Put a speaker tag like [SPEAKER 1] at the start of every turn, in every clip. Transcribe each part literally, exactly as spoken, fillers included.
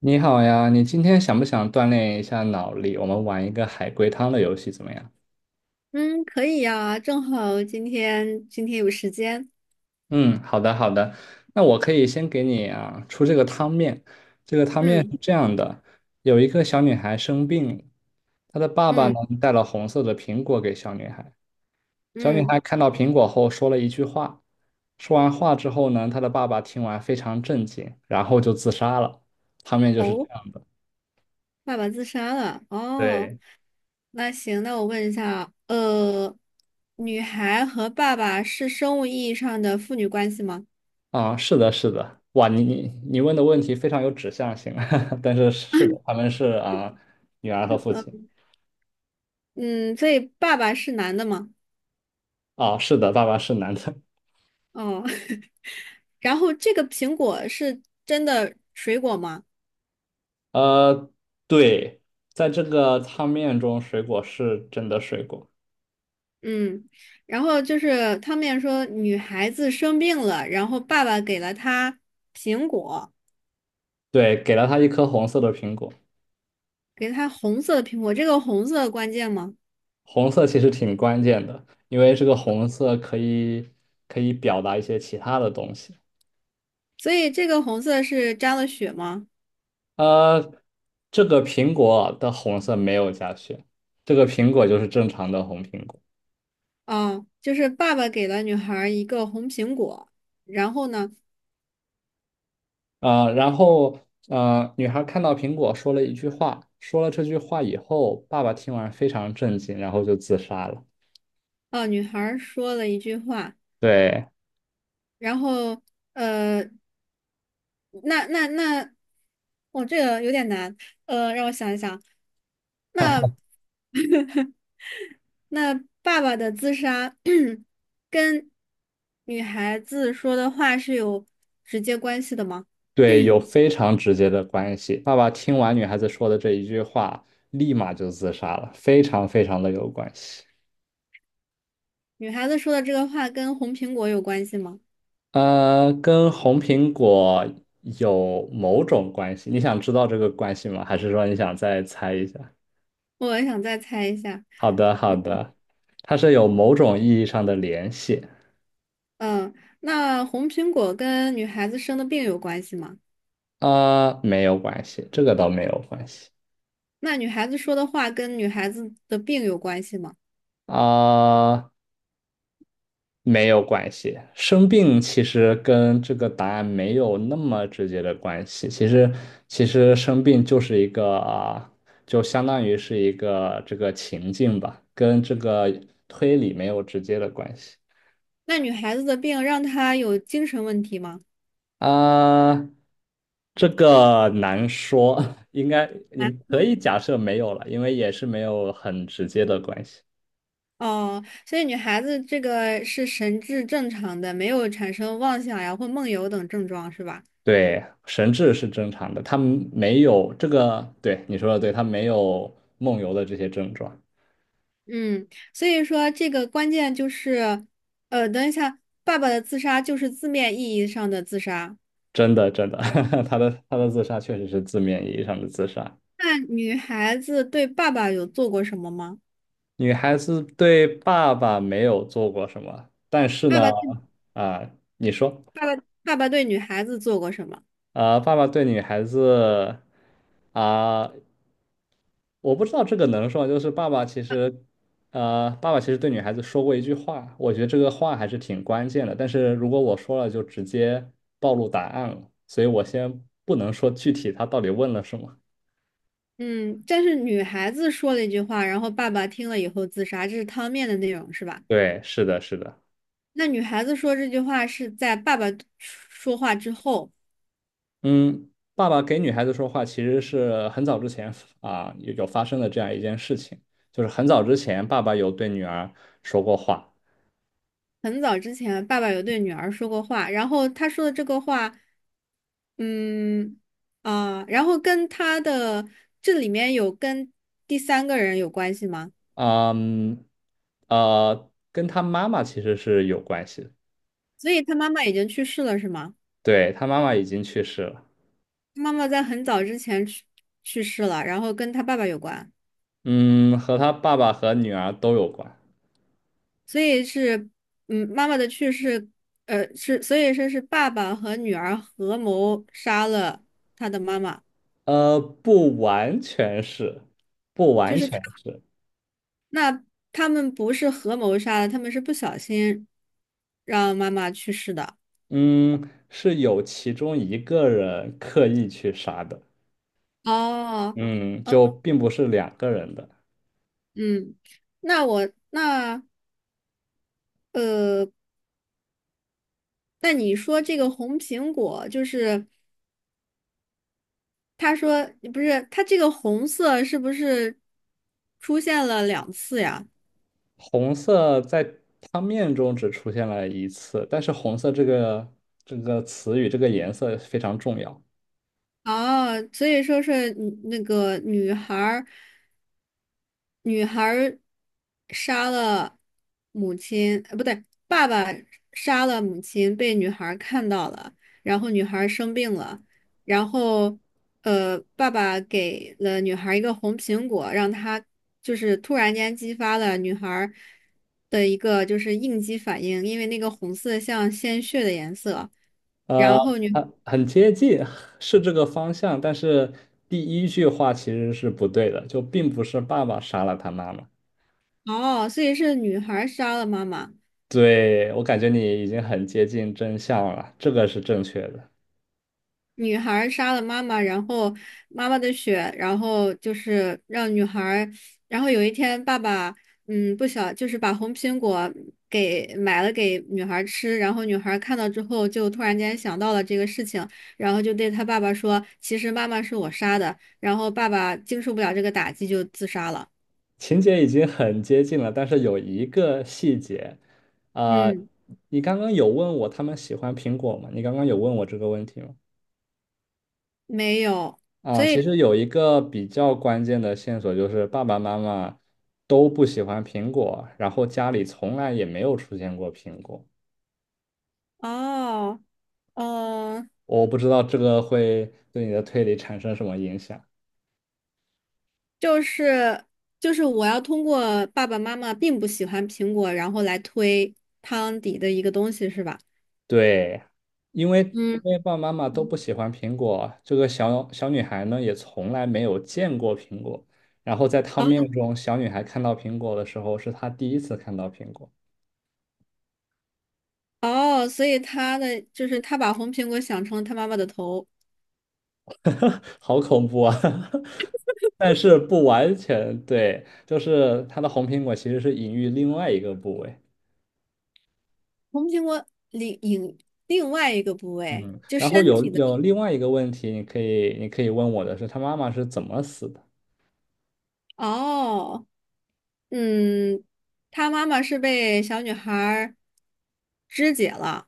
[SPEAKER 1] 你好呀，你今天想不想锻炼一下脑力？我们玩一个海龟汤的游戏怎么样？
[SPEAKER 2] 嗯，可以呀，正好今天今天有时间。
[SPEAKER 1] 嗯，好的好的。那我可以先给你啊出这个汤面。这个汤面
[SPEAKER 2] 嗯
[SPEAKER 1] 是这样的：有一个小女孩生病了，她的爸爸呢
[SPEAKER 2] 嗯
[SPEAKER 1] 带了红色的苹果给小女孩。小女
[SPEAKER 2] 嗯，
[SPEAKER 1] 孩看到苹果后说了一句话，说完话之后呢，她的爸爸听完非常震惊，然后就自杀了。汤面就是这
[SPEAKER 2] 哦，
[SPEAKER 1] 样的。
[SPEAKER 2] 爸爸自杀了。哦，
[SPEAKER 1] 对。
[SPEAKER 2] 那行，那我问一下，呃，女孩和爸爸是生物意义上的父女关系吗？
[SPEAKER 1] 啊，是的，是的，哇，你你你问的问题非常有指向性，但是是的，他们是啊、女儿和父
[SPEAKER 2] 呃，
[SPEAKER 1] 亲。
[SPEAKER 2] 嗯，所以爸爸是男的吗？
[SPEAKER 1] 啊，是的，爸爸是男的。
[SPEAKER 2] 哦，然后这个苹果是真的水果吗？
[SPEAKER 1] 呃，对，在这个汤面中，水果是真的水果。
[SPEAKER 2] 嗯，然后就是他们也说女孩子生病了，然后爸爸给了她苹果。
[SPEAKER 1] 对，给了他一颗红色的苹果。
[SPEAKER 2] 给它红色的苹果，这个红色关键吗？
[SPEAKER 1] 红色其实挺关键的，因为这个红色可以可以表达一些其他的东西。
[SPEAKER 2] 所以这个红色是沾了血吗？
[SPEAKER 1] 呃，这个苹果的红色没有加血，这个苹果就是正常的红苹果。
[SPEAKER 2] 啊，就是爸爸给了女孩一个红苹果，然后呢，
[SPEAKER 1] 呃，然后呃，女孩看到苹果说了一句话，说了这句话以后，爸爸听完非常震惊，然后就自杀了。
[SPEAKER 2] 啊，女孩说了一句话，
[SPEAKER 1] 对。
[SPEAKER 2] 然后呃，那那那，哦，这个有点难，呃，让我想一想，那 那爸爸的自杀 跟女孩子说的话是有直接关系的吗？
[SPEAKER 1] 对，有非常直接的关系。爸爸听完女孩子说的这一句话，立马就自杀了，非常非常的有关系。
[SPEAKER 2] 女孩子说的这个话跟红苹果有关系吗？
[SPEAKER 1] 呃，跟红苹果有某种关系，你想知道这个关系吗？还是说你想再猜一下？
[SPEAKER 2] 我想再猜一下。
[SPEAKER 1] 好的，好的，它是有某种意义上的联系。
[SPEAKER 2] 嗯，那红苹果跟女孩子生的病有关系吗？
[SPEAKER 1] 啊，没有关系，这个倒没有关系。
[SPEAKER 2] 那女孩子说的话跟女孩子的病有关系吗？
[SPEAKER 1] 啊，没有关系。生病其实跟这个答案没有那么直接的关系。其实，其实生病就是一个啊，就相当于是一个这个情境吧，跟这个推理没有直接的关系。
[SPEAKER 2] 那女孩子的病让她有精神问题吗？
[SPEAKER 1] 啊，这个难说，应该你
[SPEAKER 2] 难
[SPEAKER 1] 可
[SPEAKER 2] 说。
[SPEAKER 1] 以假设没有了，因为也是没有很直接的关系。
[SPEAKER 2] 哦，所以女孩子这个是神志正常的，没有产生妄想呀或梦游等症状，是吧？
[SPEAKER 1] 对，神志是正常的，他们没有这个，对，你说的对，他没有梦游的这些症状。
[SPEAKER 2] 嗯，所以说这个关键就是，呃，等一下，爸爸的自杀就是字面意义上的自杀。
[SPEAKER 1] 真的真的，他的他的自杀确实是字面意义上的自杀。
[SPEAKER 2] 那女孩子对爸爸有做过什么吗？
[SPEAKER 1] 女孩子对爸爸没有做过什么，但是
[SPEAKER 2] 爸
[SPEAKER 1] 呢，
[SPEAKER 2] 爸对
[SPEAKER 1] 啊、你说。
[SPEAKER 2] 爸爸对女孩子做过什么？
[SPEAKER 1] 啊、爸爸对女孩子啊、我不知道这个能说吗，就是爸爸其实，呃，爸爸其实对女孩子说过一句话，我觉得这个话还是挺关键的。但是如果我说了，就直接暴露答案了，所以我先不能说具体他到底问了什么。
[SPEAKER 2] 嗯，但是女孩子说了一句话，然后爸爸听了以后自杀，这是汤面的内容是吧？
[SPEAKER 1] 对，是的，是的。
[SPEAKER 2] 那女孩子说这句话是在爸爸说话之后，
[SPEAKER 1] 嗯，爸爸给女孩子说话其实是很早之前啊，有有发生的这样一件事情，就是很早之前爸爸有对女儿说过话。
[SPEAKER 2] 很早之前，爸爸有对女儿说过话，然后他说的这个话，嗯，啊，然后跟他的这里面有跟第三个人有关系吗？
[SPEAKER 1] 嗯，呃，跟他妈妈其实是有关系的。
[SPEAKER 2] 所以他妈妈已经去世了是吗？
[SPEAKER 1] 对，他妈妈已经去世了。
[SPEAKER 2] 妈妈在很早之前去去世了，然后跟他爸爸有关，
[SPEAKER 1] 嗯，和他爸爸和女儿都有关。
[SPEAKER 2] 所以是，嗯，妈妈的去世，呃，是，所以说是爸爸和女儿合谋杀了他的妈妈，
[SPEAKER 1] 呃，不完全是，不
[SPEAKER 2] 就
[SPEAKER 1] 完
[SPEAKER 2] 是他，
[SPEAKER 1] 全是。
[SPEAKER 2] 那他们不是合谋杀的，他们是不小心让妈妈去世的。
[SPEAKER 1] 嗯，是有其中一个人刻意去杀的。
[SPEAKER 2] 哦，
[SPEAKER 1] 嗯，就并不是两个人的。
[SPEAKER 2] 嗯，那我那呃，那你说这个红苹果就是。他说不是，他这个红色是不是出现了两次呀？
[SPEAKER 1] 红色在他面中只出现了一次，但是红色这个这个词语这个颜色非常重要。
[SPEAKER 2] 哦，所以说是女那个女孩儿，女孩儿杀了母亲，呃，不对，爸爸杀了母亲，被女孩儿看到了，然后女孩儿生病了，然后呃，爸爸给了女孩儿一个红苹果，让她就是突然间激发了女孩儿的一个就是应激反应，因为那个红色像鲜血的颜色，
[SPEAKER 1] 呃，
[SPEAKER 2] 然后女，
[SPEAKER 1] 很很接近，是这个方向，但是第一句话其实是不对的，就并不是爸爸杀了他妈妈。
[SPEAKER 2] 哦，所以是女孩儿杀了妈妈。
[SPEAKER 1] 对，我感觉你已经很接近真相了，这个是正确的。
[SPEAKER 2] 女孩儿杀了妈妈，然后妈妈的血，然后就是让女孩儿然后有一天爸爸，嗯，不小，就是把红苹果给买了给女孩儿吃，然后女孩儿看到之后就突然间想到了这个事情，然后就对她爸爸说，其实妈妈是我杀的，然后爸爸经受不了这个打击就自杀了。
[SPEAKER 1] 情节已经很接近了，但是有一个细节。啊、
[SPEAKER 2] 嗯，
[SPEAKER 1] 你刚刚有问我他们喜欢苹果吗？你刚刚有问我这个问题吗？
[SPEAKER 2] 没有，
[SPEAKER 1] 啊、
[SPEAKER 2] 所
[SPEAKER 1] 其
[SPEAKER 2] 以
[SPEAKER 1] 实有一个比较关键的线索就是爸爸妈妈都不喜欢苹果，然后家里从来也没有出现过苹果。
[SPEAKER 2] 哦，哦。
[SPEAKER 1] 我不知道这个会对你的推理产生什么影响。
[SPEAKER 2] 就是就是我要通过爸爸妈妈并不喜欢苹果，然后来推汤底的一个东西，是吧？
[SPEAKER 1] 对，因为
[SPEAKER 2] 嗯
[SPEAKER 1] 因为爸爸妈妈都
[SPEAKER 2] 嗯，
[SPEAKER 1] 不喜欢苹果，这个小小女孩呢也从来没有见过苹果。然后在汤
[SPEAKER 2] 哦
[SPEAKER 1] 面中，小女孩看到苹果的时候，是她第一次看到苹果。
[SPEAKER 2] 哦，所以他的就是他把红苹果想成了他妈妈的头，
[SPEAKER 1] 好恐怖啊！但是不完全对，就是它的红苹果其实是隐喻另外一个部位。
[SPEAKER 2] 红苹果另另另外一个部位，
[SPEAKER 1] 嗯，
[SPEAKER 2] 就
[SPEAKER 1] 然后
[SPEAKER 2] 身
[SPEAKER 1] 有
[SPEAKER 2] 体的。
[SPEAKER 1] 有另外一个问题，你可以你可以问我的是，她妈妈是怎么死的？
[SPEAKER 2] 哦，嗯，他妈妈是被小女孩儿肢解了。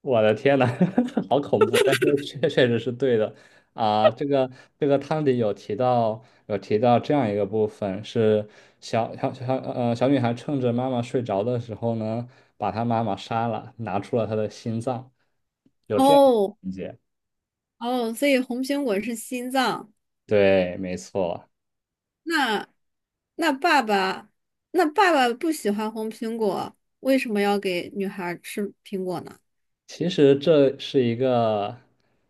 [SPEAKER 1] 我的天呐，好恐怖！但是确 确实是对的啊。这个这个汤里有提到有提到这样一个部分是小小小呃小女孩趁着妈妈睡着的时候呢，把她妈妈杀了，拿出了她的心脏，有这样
[SPEAKER 2] 哦
[SPEAKER 1] 一节。
[SPEAKER 2] 哦，所以红苹果是心脏。
[SPEAKER 1] 对，没错。
[SPEAKER 2] 那那爸爸，那爸爸不喜欢红苹果，为什么要给女孩儿吃苹果呢？
[SPEAKER 1] 其实这是一个，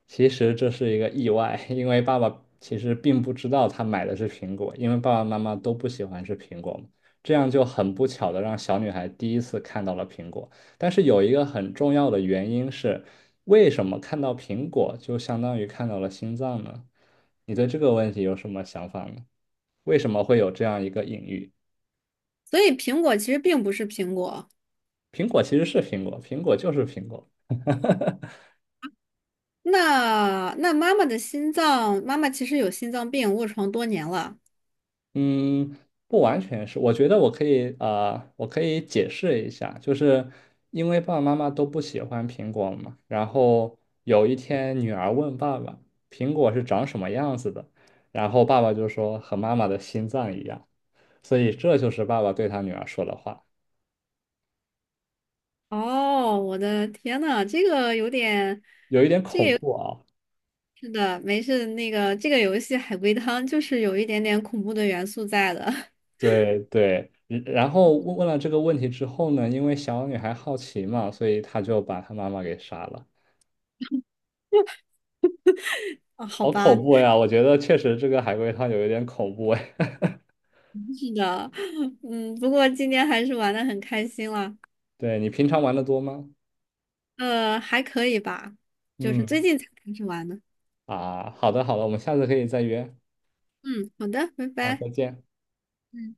[SPEAKER 1] 其实这是一个意外，因为爸爸其实并不知道他买的是苹果，因为爸爸妈妈都不喜欢吃苹果嘛，这样就很不巧的让小女孩第一次看到了苹果。但是有一个很重要的原因是，为什么看到苹果就相当于看到了心脏呢？你对这个问题有什么想法呢？为什么会有这样一个隐喻？
[SPEAKER 2] 所以苹果其实并不是苹果。
[SPEAKER 1] 苹果其实是苹果，苹果就是苹果。
[SPEAKER 2] 那那妈妈的心脏，妈妈其实有心脏病，卧床多年了。
[SPEAKER 1] 嗯，不完全是，我觉得我可以，呃，我可以解释一下，就是因为爸爸妈妈都不喜欢苹果嘛，然后有一天女儿问爸爸，苹果是长什么样子的，然后爸爸就说和妈妈的心脏一样，所以这就是爸爸对他女儿说的话。
[SPEAKER 2] 哦，我的天呐，这个有点，
[SPEAKER 1] 有一点恐怖啊。
[SPEAKER 2] 是的，没事，那个这个游戏海龟汤就是有一点点恐怖的元素在的。
[SPEAKER 1] 对对，嗯然后问问了这个问题之后呢，因为小女孩好奇嘛，所以她就把她妈妈给杀了。
[SPEAKER 2] 啊，好
[SPEAKER 1] 好
[SPEAKER 2] 吧，
[SPEAKER 1] 恐怖呀！我觉得确实这个海龟汤有一点恐怖哎。
[SPEAKER 2] 是的，嗯，不过今天还是玩的很开心了。
[SPEAKER 1] 对，你平常玩的多吗？
[SPEAKER 2] 呃，还可以吧，就是最
[SPEAKER 1] 嗯，
[SPEAKER 2] 近才开始玩的。
[SPEAKER 1] 啊，好的好的，我们下次可以再约。
[SPEAKER 2] 嗯，好的，拜
[SPEAKER 1] 好，
[SPEAKER 2] 拜。
[SPEAKER 1] 再见。
[SPEAKER 2] 嗯。